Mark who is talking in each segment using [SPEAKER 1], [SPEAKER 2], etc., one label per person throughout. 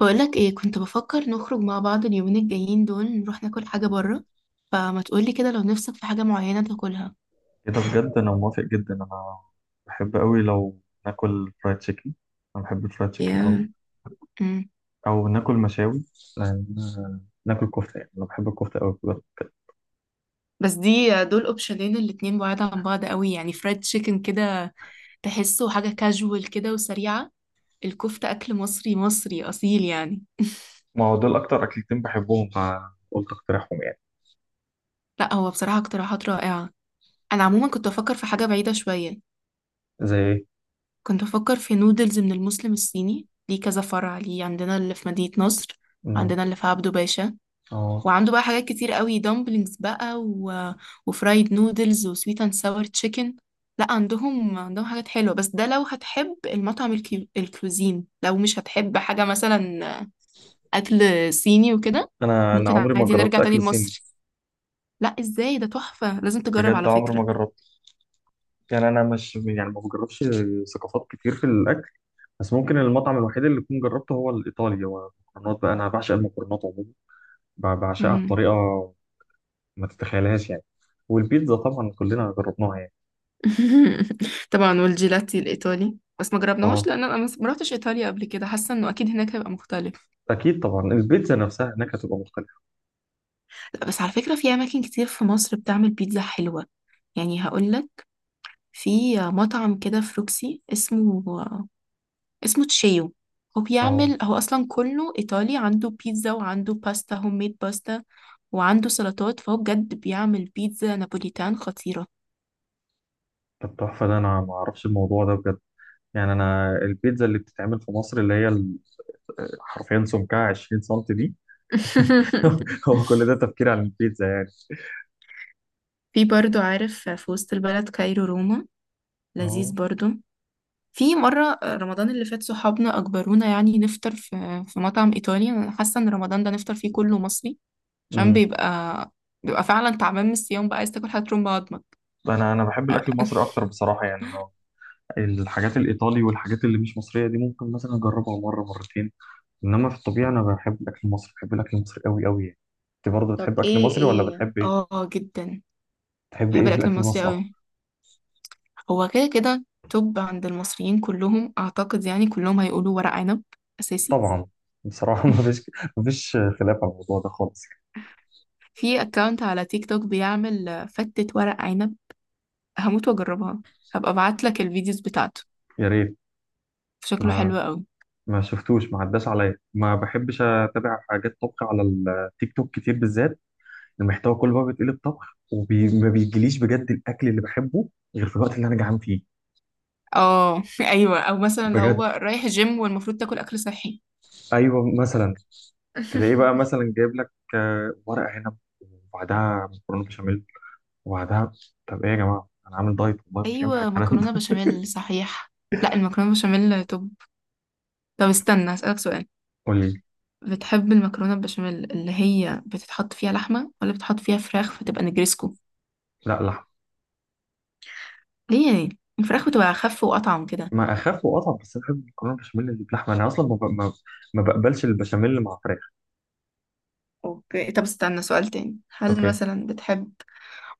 [SPEAKER 1] بقولك ايه، كنت بفكر نخرج مع بعض اليومين الجايين دول، نروح ناكل حاجة بره. فما تقولي كده لو نفسك في حاجة معينة تاكلها.
[SPEAKER 2] كده بجد، انا موافق جدا. انا بحب قوي لو ناكل فرايد تشيكن. انا بحب الفرايد تشيكن قوي.
[SPEAKER 1] يا امم
[SPEAKER 2] او ناكل مشاوي لان ناكل كفته. يعني انا بحب الكفته قوي بجد.
[SPEAKER 1] بس دي دول اوبشنين، الاتنين بعاد عن بعض قوي. يعني فرايد تشيكن كده تحسه حاجة كاجوال كده وسريعة. الكفتة أكل مصري مصري أصيل يعني.
[SPEAKER 2] ما هو دول اكتر اكلتين بحبهم فقلت اقترحهم يعني.
[SPEAKER 1] لا، هو بصراحة اقتراحات رائعة. أنا عموما كنت بفكر في حاجة بعيدة شوية.
[SPEAKER 2] زي ايه؟
[SPEAKER 1] كنت بفكر في نودلز من المسلم الصيني، ليه كذا فرع، ليه عندنا اللي في مدينة نصر،
[SPEAKER 2] أمم،
[SPEAKER 1] عندنا اللي في عبده باشا.
[SPEAKER 2] اه.
[SPEAKER 1] وعنده بقى حاجات كتير قوي، دامبلينجز بقى وفرايد نودلز وسويت اند ساور تشيكن. لا، عندهم حاجات حلوة. بس ده لو هتحب المطعم، الكوزين، لو مش هتحب حاجة مثلا أكل صيني وكده،
[SPEAKER 2] انا
[SPEAKER 1] ممكن
[SPEAKER 2] عمري ما
[SPEAKER 1] عادي
[SPEAKER 2] جربت
[SPEAKER 1] نرجع تاني
[SPEAKER 2] اكل صيني.
[SPEAKER 1] لمصر. لا ازاي، ده تحفة، لازم تجرب
[SPEAKER 2] بجد
[SPEAKER 1] على
[SPEAKER 2] عمري ما
[SPEAKER 1] فكرة.
[SPEAKER 2] جربت. يعني انا مش، يعني ما بجربش ثقافات كتير في الاكل. بس ممكن المطعم الوحيد اللي كنت جربته هو الايطالي، هو المكرونات بقى. انا بعشق المكرونات عموما. بعشقها
[SPEAKER 1] مم.
[SPEAKER 2] بطريقه ما تتخيلهاش يعني. والبيتزا طبعا كلنا جربناها يعني.
[SPEAKER 1] طبعا، والجيلاتي الإيطالي بس ما جربناهوش،
[SPEAKER 2] اه،
[SPEAKER 1] لأن أنا ما رحتش إيطاليا قبل كده، حاسة إنه أكيد هناك هيبقى مختلف.
[SPEAKER 2] اكيد طبعا البيتزا نفسها هناك هتبقى مختلفه.
[SPEAKER 1] لا بس على فكرة، في أماكن كتير في مصر بتعمل بيتزا حلوة. يعني هقولك، في مطعم كده في روكسي، اسمه تشيو.
[SPEAKER 2] اه.
[SPEAKER 1] هو أصلا كله إيطالي، عنده بيتزا وعنده باستا، هوم ميد باستا، وعنده سلطات. فهو بجد بيعمل بيتزا نابوليتان خطيرة.
[SPEAKER 2] طب تحفه، ده انا ما اعرفش الموضوع ده بجد. يعني انا البيتزا اللي بتتعمل في مصر اللي هي حرفيا سمكها 20 سم دي. هو كل ده تفكير عن البيتزا يعني.
[SPEAKER 1] في برضو، عارف، في وسط البلد كايرو روما، لذيذ
[SPEAKER 2] اه.
[SPEAKER 1] برضو. في مرة رمضان اللي فات صحابنا أجبرونا يعني نفطر في مطعم إيطالي. أنا حاسة إن رمضان ده نفطر فيه كله مصري، عشان
[SPEAKER 2] امم
[SPEAKER 1] بيبقى فعلا تعبان من الصيام بقى، عايز تاكل حاجة ترم بعض.
[SPEAKER 2] انا بحب الاكل المصري اكتر بصراحه. يعني انا الحاجات الايطالي والحاجات اللي مش مصريه دي، ممكن مثلا اجربها مره مرتين. انما في الطبيعه انا بحب الاكل المصري. بحب الاكل المصري قوي قوي يعني. انت برضه
[SPEAKER 1] طب
[SPEAKER 2] بتحب اكل
[SPEAKER 1] ايه
[SPEAKER 2] مصري ولا
[SPEAKER 1] ايه
[SPEAKER 2] بتحب ايه؟
[SPEAKER 1] اه، جدا.
[SPEAKER 2] تحب
[SPEAKER 1] بحب
[SPEAKER 2] ايه في
[SPEAKER 1] الاكل
[SPEAKER 2] الاكل
[SPEAKER 1] المصري
[SPEAKER 2] المصري أكتر؟
[SPEAKER 1] قوي. هو كده كده توب عند المصريين كلهم اعتقد، يعني كلهم هيقولوا ورق عنب، اساسي.
[SPEAKER 2] طبعا. بصراحه ما فيش خلاف على الموضوع ده خالص.
[SPEAKER 1] في اكونت على تيك توك بيعمل فتة ورق عنب، هموت واجربها. هبقى ابعت لك الفيديوز بتاعته،
[SPEAKER 2] يا ريت.
[SPEAKER 1] شكله حلو
[SPEAKER 2] ما
[SPEAKER 1] قوي.
[SPEAKER 2] ما شفتوش، ما عداش عليا، ما بحبش اتابع حاجات طبخ على التيك توك كتير بالذات. المحتوى كله بقى بيتقلب طبخ وما بيجيليش بجد الاكل اللي بحبه غير في الوقت اللي انا جعان فيه.
[SPEAKER 1] اه، ايوه، او مثلا لو هو
[SPEAKER 2] بجد.
[SPEAKER 1] رايح جيم والمفروض تاكل اكل صحي.
[SPEAKER 2] ايوه، مثلا تلاقيه بقى مثلا جايب لك ورق عنب وبعدها مكرونه بشاميل. وبعدها، طب ايه يا جماعه، انا عامل دايت والله مش هينفع
[SPEAKER 1] ايوه
[SPEAKER 2] الكلام ده.
[SPEAKER 1] مكرونه بشاميل، صحيح. لا، المكرونه بشاميل توب. طب استنى اسالك سؤال،
[SPEAKER 2] قول لي.
[SPEAKER 1] بتحب المكرونة البشاميل اللي هي بتتحط فيها لحمة، ولا بتحط فيها فراخ فتبقى نجريسكو؟
[SPEAKER 2] لا،
[SPEAKER 1] ليه يعني، الفراخ بتبقى أخف وأطعم كده.
[SPEAKER 2] ما اخف واطعم، بس انا بحب المكرونه البشاميل اللي بلحمه. انا اصلا ما, ب... ما... ما بقبلش البشاميل اللي مع فراخ.
[SPEAKER 1] اوكي، طب استنى سؤال تاني، هل
[SPEAKER 2] اوكي.
[SPEAKER 1] مثلا بتحب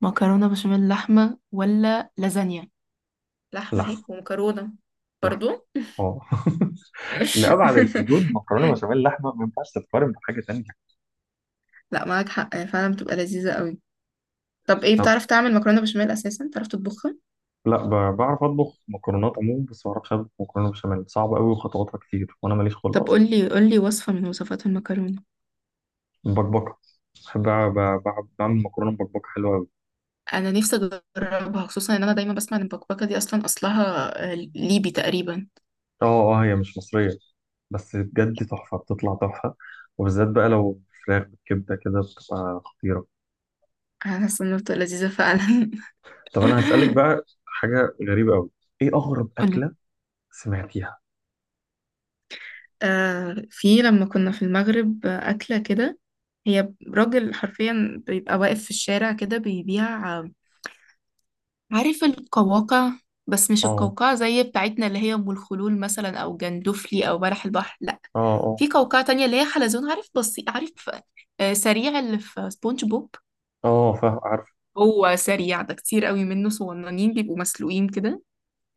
[SPEAKER 1] مكرونة بشاميل لحمة ولا لازانيا؟ لحمة اهي
[SPEAKER 2] لحمه.
[SPEAKER 1] ومكرونة
[SPEAKER 2] لحمه.
[SPEAKER 1] برضو.
[SPEAKER 2] اه. لأبعد الحدود، مكرونه بشاميل لحمه ما ينفعش تتقارن بحاجه تانية.
[SPEAKER 1] لا معاك حق، هي فعلا بتبقى لذيذة قوي. طب ايه،
[SPEAKER 2] طب،
[SPEAKER 1] بتعرف تعمل مكرونة بشاميل أساسا، بتعرف تطبخها؟
[SPEAKER 2] لا، بعرف اطبخ مكرونات عموما، بس ما بعرفش اطبخ مكرونه بشاميل. صعبه قوي وخطواتها كتير وانا ماليش خلق
[SPEAKER 1] طب
[SPEAKER 2] اصلا.
[SPEAKER 1] قولي قولي وصفة من وصفات المكرونة.
[SPEAKER 2] بكبكه. بحب بعمل مكرونه بكبكه حلوه قوي.
[SPEAKER 1] انا نفسي اجربها، خصوصا ان انا دايما بسمع ان البكبكه دي اصلا اصلها ليبي تقريبا.
[SPEAKER 2] اه. اه، هي مش مصريه، بس بجد تحفه. بتطلع تحفه. وبالذات بقى لو فراخ بالكبده كده، بتبقى خطيره.
[SPEAKER 1] انا حاسه انها بتبقى لذيذه فعلا.
[SPEAKER 2] طب انا هسألك بقى حاجة غريبة قوي. ايه اغرب
[SPEAKER 1] قولي.
[SPEAKER 2] أكلة سمعتيها؟
[SPEAKER 1] في لما كنا في المغرب، أكلة كده، هي راجل حرفيا بيبقى واقف في الشارع كده بيبيع، عارف القواقع؟ بس مش
[SPEAKER 2] اه.
[SPEAKER 1] القوقعة زي بتاعتنا اللي هي أم الخلول مثلا، أو جندفلي، أو بلح البحر، لأ.
[SPEAKER 2] اه. اه.
[SPEAKER 1] في قوقعة تانية اللي هي حلزون، عارف، بسيط، عارف، سريع اللي في سبونج بوب.
[SPEAKER 2] اه فاهم عارف.
[SPEAKER 1] هو سريع ده كتير قوي منه صغننين، بيبقوا مسلوقين كده.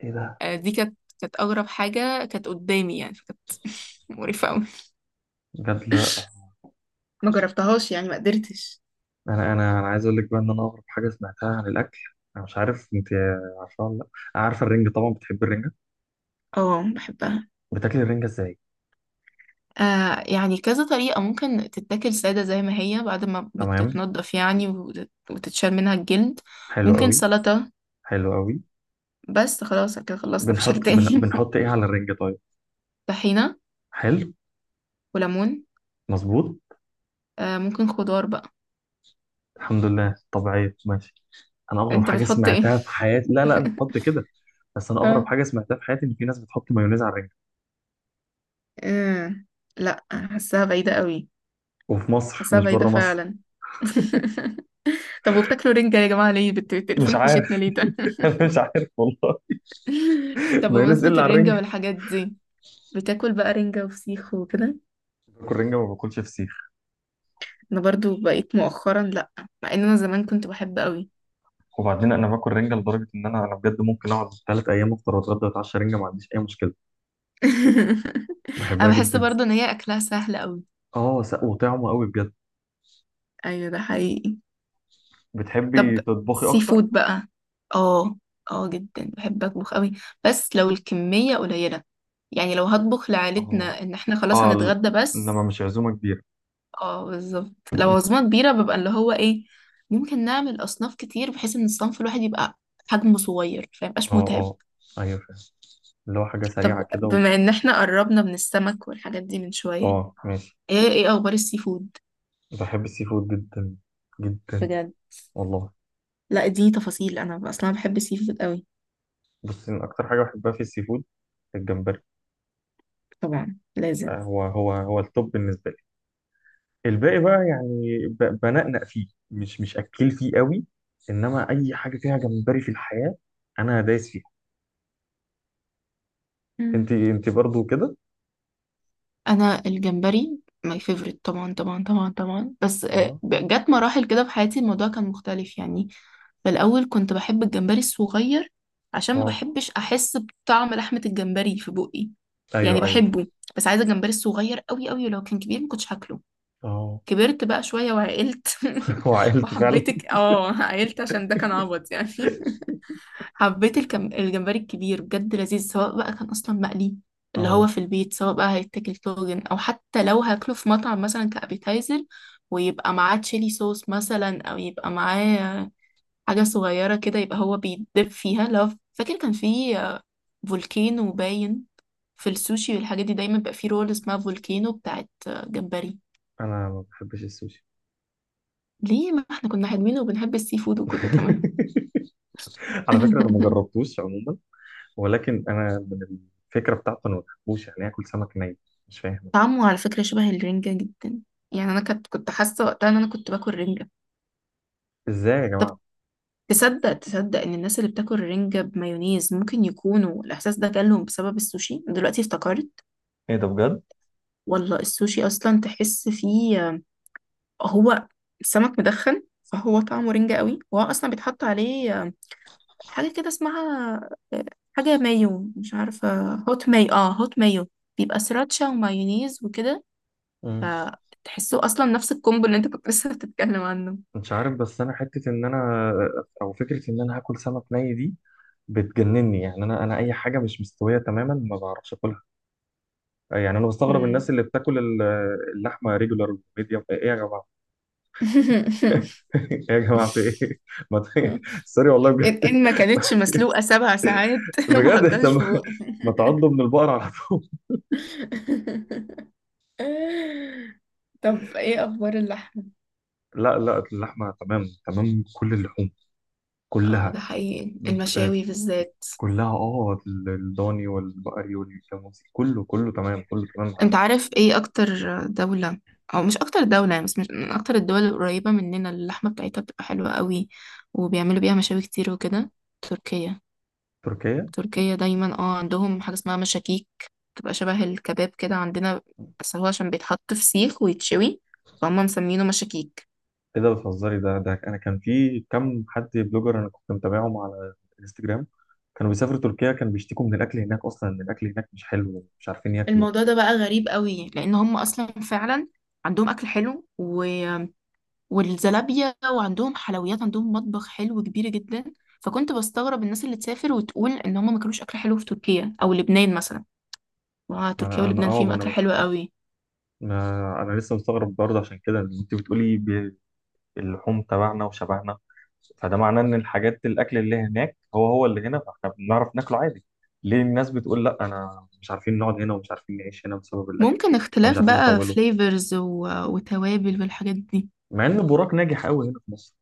[SPEAKER 2] ايه ده
[SPEAKER 1] دي كانت اغرب حاجه كانت قدامي يعني، فكانت مقرفه قوي.
[SPEAKER 2] بجد؟ لا
[SPEAKER 1] ما جربتهاش يعني، ما قدرتش.
[SPEAKER 2] انا عايز اقول لك بقى ان انا اغرب حاجة سمعتها عن الاكل. انا مش عارف انت عارفة ولا لا. عارفة الرنجة؟ طبعا بتحب الرنجة.
[SPEAKER 1] اه، بحبها.
[SPEAKER 2] بتاكلي الرنجة ازاي؟
[SPEAKER 1] يعني كذا طريقة، ممكن تتاكل سادة زي ما هي بعد ما
[SPEAKER 2] تمام.
[SPEAKER 1] بتتنضف يعني، وتتشال منها الجلد.
[SPEAKER 2] حلو
[SPEAKER 1] ممكن
[SPEAKER 2] قوي.
[SPEAKER 1] سلطة.
[SPEAKER 2] حلو قوي.
[SPEAKER 1] بس خلاص كده خلصنا، مفيش حاجة
[SPEAKER 2] بنحط،
[SPEAKER 1] تاني.
[SPEAKER 2] بنحط ايه على الرنجة طيب؟
[SPEAKER 1] طحينة
[SPEAKER 2] حلو.
[SPEAKER 1] وليمون.
[SPEAKER 2] مظبوط.
[SPEAKER 1] ممكن خضار بقى.
[SPEAKER 2] الحمد لله طبيعية، ماشي. انا اغرب
[SPEAKER 1] انت
[SPEAKER 2] حاجة
[SPEAKER 1] بتحط ايه؟
[SPEAKER 2] سمعتها في حياتي. لا لا، انا بحط كده. بس انا اغرب
[SPEAKER 1] اه.
[SPEAKER 2] حاجة سمعتها في حياتي ان في ناس بتحط مايونيز على الرنجة.
[SPEAKER 1] آه، لا، حاساها بعيدة قوي.
[SPEAKER 2] وفي مصر،
[SPEAKER 1] حاساها
[SPEAKER 2] مش
[SPEAKER 1] بعيدة
[SPEAKER 2] بره مصر.
[SPEAKER 1] فعلا. طب وبتاكلوا رنجة يا جماعة، ليه
[SPEAKER 2] مش
[SPEAKER 1] بتقرفونا في وشتنا،
[SPEAKER 2] عارف.
[SPEAKER 1] ليه ده؟
[SPEAKER 2] انا مش عارف والله.
[SPEAKER 1] طب
[SPEAKER 2] مايونيز
[SPEAKER 1] بمناسبة
[SPEAKER 2] الا على
[SPEAKER 1] الرنجة
[SPEAKER 2] الرنجة.
[SPEAKER 1] والحاجات دي، بتاكل بقى رنجة وفسيخ وكده؟
[SPEAKER 2] باكل رنجة، ما باكلش فسيخ.
[SPEAKER 1] انا برضو بقيت مؤخرا لا، مع ان انا زمان كنت بحب قوي.
[SPEAKER 2] وبعدين انا باكل رنجة لدرجة ان انا بجد ممكن اقعد 3 ايام افطر واتغدى واتعشى رنجة، ما عنديش اي مشكلة.
[SPEAKER 1] انا
[SPEAKER 2] بحبها
[SPEAKER 1] بحس
[SPEAKER 2] جدا.
[SPEAKER 1] برضو ان هي اكلها سهل قوي.
[SPEAKER 2] اه، وطعمه قوي بجد.
[SPEAKER 1] ايوه، ده حقيقي. طب
[SPEAKER 2] بتحبي تطبخي
[SPEAKER 1] سي
[SPEAKER 2] اكتر؟
[SPEAKER 1] فود بقى. اه، اه جدا، بحب اطبخ قوي، بس لو الكمية قليلة، يعني لو هطبخ
[SPEAKER 2] اه.
[SPEAKER 1] لعائلتنا ان احنا خلاص
[SPEAKER 2] اه
[SPEAKER 1] هنتغدى بس.
[SPEAKER 2] انما مش عزومة كبيرة.
[SPEAKER 1] اه، بالظبط. لو عزومة كبيرة ببقى اللي هو ايه، ممكن نعمل أصناف كتير بحيث إن الصنف الواحد يبقى حجمه صغير فميبقاش
[SPEAKER 2] اه.
[SPEAKER 1] متعب.
[SPEAKER 2] اه ايوه فاهم. اللي هو حاجة سريعة
[SPEAKER 1] طب
[SPEAKER 2] كده و...
[SPEAKER 1] بما إن احنا قربنا من السمك والحاجات دي من شوية،
[SPEAKER 2] اه ماشي.
[SPEAKER 1] ايه أخبار السي فود؟
[SPEAKER 2] بحب السي فود جدا. جدا
[SPEAKER 1] بجد.
[SPEAKER 2] والله.
[SPEAKER 1] لا دي تفاصيل، أنا أصلا بحب السي فود قوي.
[SPEAKER 2] بس من اكتر حاجة بحبها في السي فود الجمبري.
[SPEAKER 1] طبعا لازم.
[SPEAKER 2] هو التوب بالنسبة لي. الباقي بقى يعني، بنقنق فيه. مش اكل فيه قوي. انما اي حاجه فيها جمبري في الحياه، انا دايس فيها.
[SPEAKER 1] مم.
[SPEAKER 2] انت برضو كده؟
[SPEAKER 1] أنا الجمبري ماي فيفورت، طبعا طبعا طبعا طبعا. بس
[SPEAKER 2] اه.
[SPEAKER 1] جت مراحل كده في حياتي الموضوع كان مختلف يعني. في الأول كنت بحب الجمبري الصغير، عشان ما
[SPEAKER 2] اه
[SPEAKER 1] بحبش أحس بطعم لحمة الجمبري في بقي، يعني
[SPEAKER 2] ايوه ايوه
[SPEAKER 1] بحبه بس عايزة الجمبري الصغير قوي قوي، ولو كان كبير ما كنتش هاكله.
[SPEAKER 2] اه.
[SPEAKER 1] كبرت بقى شوية وعقلت،
[SPEAKER 2] وعائلتي فعلا.
[SPEAKER 1] وحبيتك عقلت عشان ده كان عبط يعني. حبيت الجمبري الكبير، بجد لذيذ، سواء بقى كان أصلا مقلي اللي هو
[SPEAKER 2] اه
[SPEAKER 1] في البيت، سواء بقى هيتاكل طاجن، أو حتى لو هاكله في مطعم مثلا كأبيتايزر، ويبقى معاه تشيلي صوص مثلا، أو يبقى معاه حاجة صغيرة كده يبقى هو بيدب فيها. لو فاكر كان في فولكينو باين، في السوشي والحاجات دي دايما بيبقى في رول اسمها فولكينو بتاعت جمبري.
[SPEAKER 2] انا ما بحبش السوشي.
[SPEAKER 1] ليه، ما احنا كنا حلوين وبنحب السي فود وكله تمام.
[SPEAKER 2] على فكره انا ما جربتوش عموما. ولكن انا من الفكره بتاعته انا ما بحبوش. يعني اكل سمك ني، مش فاهم.
[SPEAKER 1] طعمه على فكرة شبه الرنجة جدا، يعني أنا كنت حاسة وقتها إن أنا كنت باكل رنجة.
[SPEAKER 2] ازاي يا
[SPEAKER 1] طب
[SPEAKER 2] جماعه؟
[SPEAKER 1] تصدق إن الناس اللي بتاكل رنجة بمايونيز ممكن يكونوا الإحساس ده جالهم بسبب السوشي، دلوقتي افتكرت.
[SPEAKER 2] ايه ده بجد؟
[SPEAKER 1] والله السوشي أصلا تحس فيه، هو السمك مدخن فهو طعمه رنجة قوي، وهو اصلا بيتحط عليه حاجة كده اسمها، آه، حاجة مايو، مش عارفة، هوت مايو، هوت مايو. بيبقى سراتشا ومايونيز وكده،
[SPEAKER 2] مم.
[SPEAKER 1] فتحسه اصلا نفس الكومبو اللي انت كنت لسه بتتكلم عنه.
[SPEAKER 2] مش عارف. بس انا حته ان انا، او فكره ان انا هاكل سمك ني دي، بتجنني. يعني انا اي حاجه مش مستويه تماما ما بعرفش اكلها. يعني انا بستغرب الناس
[SPEAKER 1] مم.
[SPEAKER 2] اللي بتاكل اللحمه ريجولار ميديوم. ايه يا جماعه؟ ايه يا جماعه في ايه؟ ما ت- سوري والله
[SPEAKER 1] ان
[SPEAKER 2] بجد.
[SPEAKER 1] إن ما كانتش مسلوقة 7 ساعات ما
[SPEAKER 2] بجد.
[SPEAKER 1] حطهاش
[SPEAKER 2] طب
[SPEAKER 1] في بوقي.
[SPEAKER 2] ما تعضوا من البقر على طول.
[SPEAKER 1] طب ايه اخبار اللحمة؟
[SPEAKER 2] لا لا، اللحمه تمام، تمام. كل اللحوم
[SPEAKER 1] اه،
[SPEAKER 2] كلها،
[SPEAKER 1] ده حقيقي،
[SPEAKER 2] آه،
[SPEAKER 1] المشاوي بالذات.
[SPEAKER 2] كلها اه. الضاني والبقري والجاموسي، كله كله تمام، كله تمام معايا.
[SPEAKER 1] انت عارف ايه اكتر دولة، او مش اكتر دولة يعني، بس مش من اكتر الدول القريبة مننا اللي اللحمة بتاعتها بتبقى حلوة قوي، وبيعملوا بيها مشاوي كتير وكده؟ تركيا.
[SPEAKER 2] تركيا.
[SPEAKER 1] تركيا دايما، عندهم حاجة اسمها مشاكيك، بتبقى شبه الكباب كده عندنا، بس هو عشان بيتحط في سيخ ويتشوي فهم مسمينه مشاكيك.
[SPEAKER 2] ايه ده بتهزري؟ ده انا كان في كم حد بلوجر انا كنت متابعهم على انستجرام. كانوا بيسافروا تركيا كانوا بيشتكوا من الاكل هناك اصلا، ان الاكل هناك مش حلو. مش عارفين ياكلوا.
[SPEAKER 1] الموضوع ده بقى غريب قوي، لان هم اصلا فعلا عندهم اكل حلو والزلابية، وعندهم حلويات، عندهم مطبخ حلو كبير جدا. فكنت بستغرب الناس اللي تسافر وتقول ان هم ما كانوش اكل حلو في تركيا او لبنان مثلا، واه
[SPEAKER 2] ما
[SPEAKER 1] تركيا
[SPEAKER 2] انا انا
[SPEAKER 1] ولبنان
[SPEAKER 2] اه
[SPEAKER 1] فيهم
[SPEAKER 2] ما
[SPEAKER 1] اكل
[SPEAKER 2] انا
[SPEAKER 1] حلو قوي.
[SPEAKER 2] ما انا لسه مستغرب برضه عشان كده. إن انت بتقولي اللحوم تبعنا وشبعنا، فده معناه ان الحاجات الاكل اللي هناك هو هو اللي هنا، فاحنا بنعرف ناكله عادي. ليه الناس بتقول لا، انا مش عارفين نقعد هنا ومش عارفين نعيش هنا بسبب الاكل؟
[SPEAKER 1] ممكن
[SPEAKER 2] او مش
[SPEAKER 1] اختلاف
[SPEAKER 2] عارفين
[SPEAKER 1] بقى
[SPEAKER 2] يطولوا.
[SPEAKER 1] فليفرز وتوابل والحاجات دي.
[SPEAKER 2] مع ان براك ناجح قوي هنا في مصر.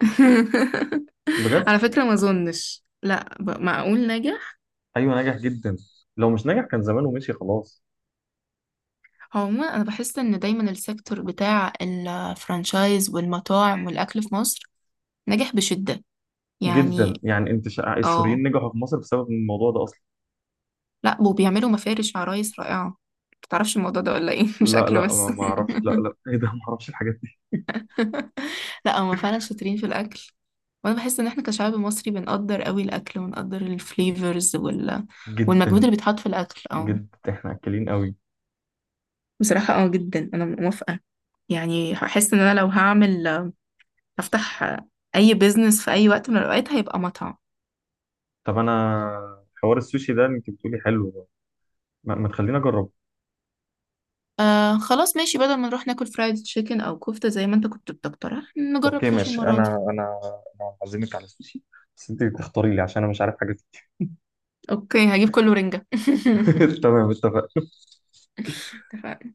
[SPEAKER 2] بجد.
[SPEAKER 1] على فكرة ما اظنش، لا، معقول نجح.
[SPEAKER 2] ايوه نجح جدا. لو مش نجح كان زمانه مشي خلاص.
[SPEAKER 1] عموما انا بحس ان دايما السيكتور بتاع الفرانشايز والمطاعم والاكل في مصر نجح بشدة،
[SPEAKER 2] جدا،
[SPEAKER 1] يعني.
[SPEAKER 2] يعني انت
[SPEAKER 1] اه.
[SPEAKER 2] السوريين نجحوا في مصر بسبب الموضوع ده اصلا.
[SPEAKER 1] لا، وبيعملوا مفارش عرايس رائعة، متعرفش الموضوع ده ولا ايه، مش
[SPEAKER 2] لا
[SPEAKER 1] اكل
[SPEAKER 2] لا، ما
[SPEAKER 1] بس.
[SPEAKER 2] ما اعرفش. لا لا ايه ده ما اعرفش الحاجات دي.
[SPEAKER 1] لا هما فعلا شاطرين في الاكل، وانا بحس ان احنا كشعب مصري بنقدر قوي الاكل ونقدر الفليفرز والمجهود
[SPEAKER 2] جدا.
[SPEAKER 1] اللي بيتحط في الاكل، اه.
[SPEAKER 2] جدا احنا اكلين قوي.
[SPEAKER 1] بصراحة اه جدا، انا موافقة. يعني هحس ان انا لو هفتح اي بيزنس في اي وقت من الاوقات هيبقى مطعم.
[SPEAKER 2] طب انا حوار السوشي ده اللي انت بتقولي حلو، ما تخليني اجربه.
[SPEAKER 1] خلاص ماشي، بدل ما نروح ناكل فرايد تشيكن او كفتة زي ما انت كنت بتقترح، نجرب
[SPEAKER 2] اوكي
[SPEAKER 1] سوشي
[SPEAKER 2] ماشي.
[SPEAKER 1] المرة دي.
[SPEAKER 2] انا انا هعزمك على السوشي، بس انت تختاري لي عشان انا مش عارف حاجات
[SPEAKER 1] اوكي، هجيب كله رنجة.
[SPEAKER 2] كتير. تمام اتفقنا.
[SPEAKER 1] اتفقنا.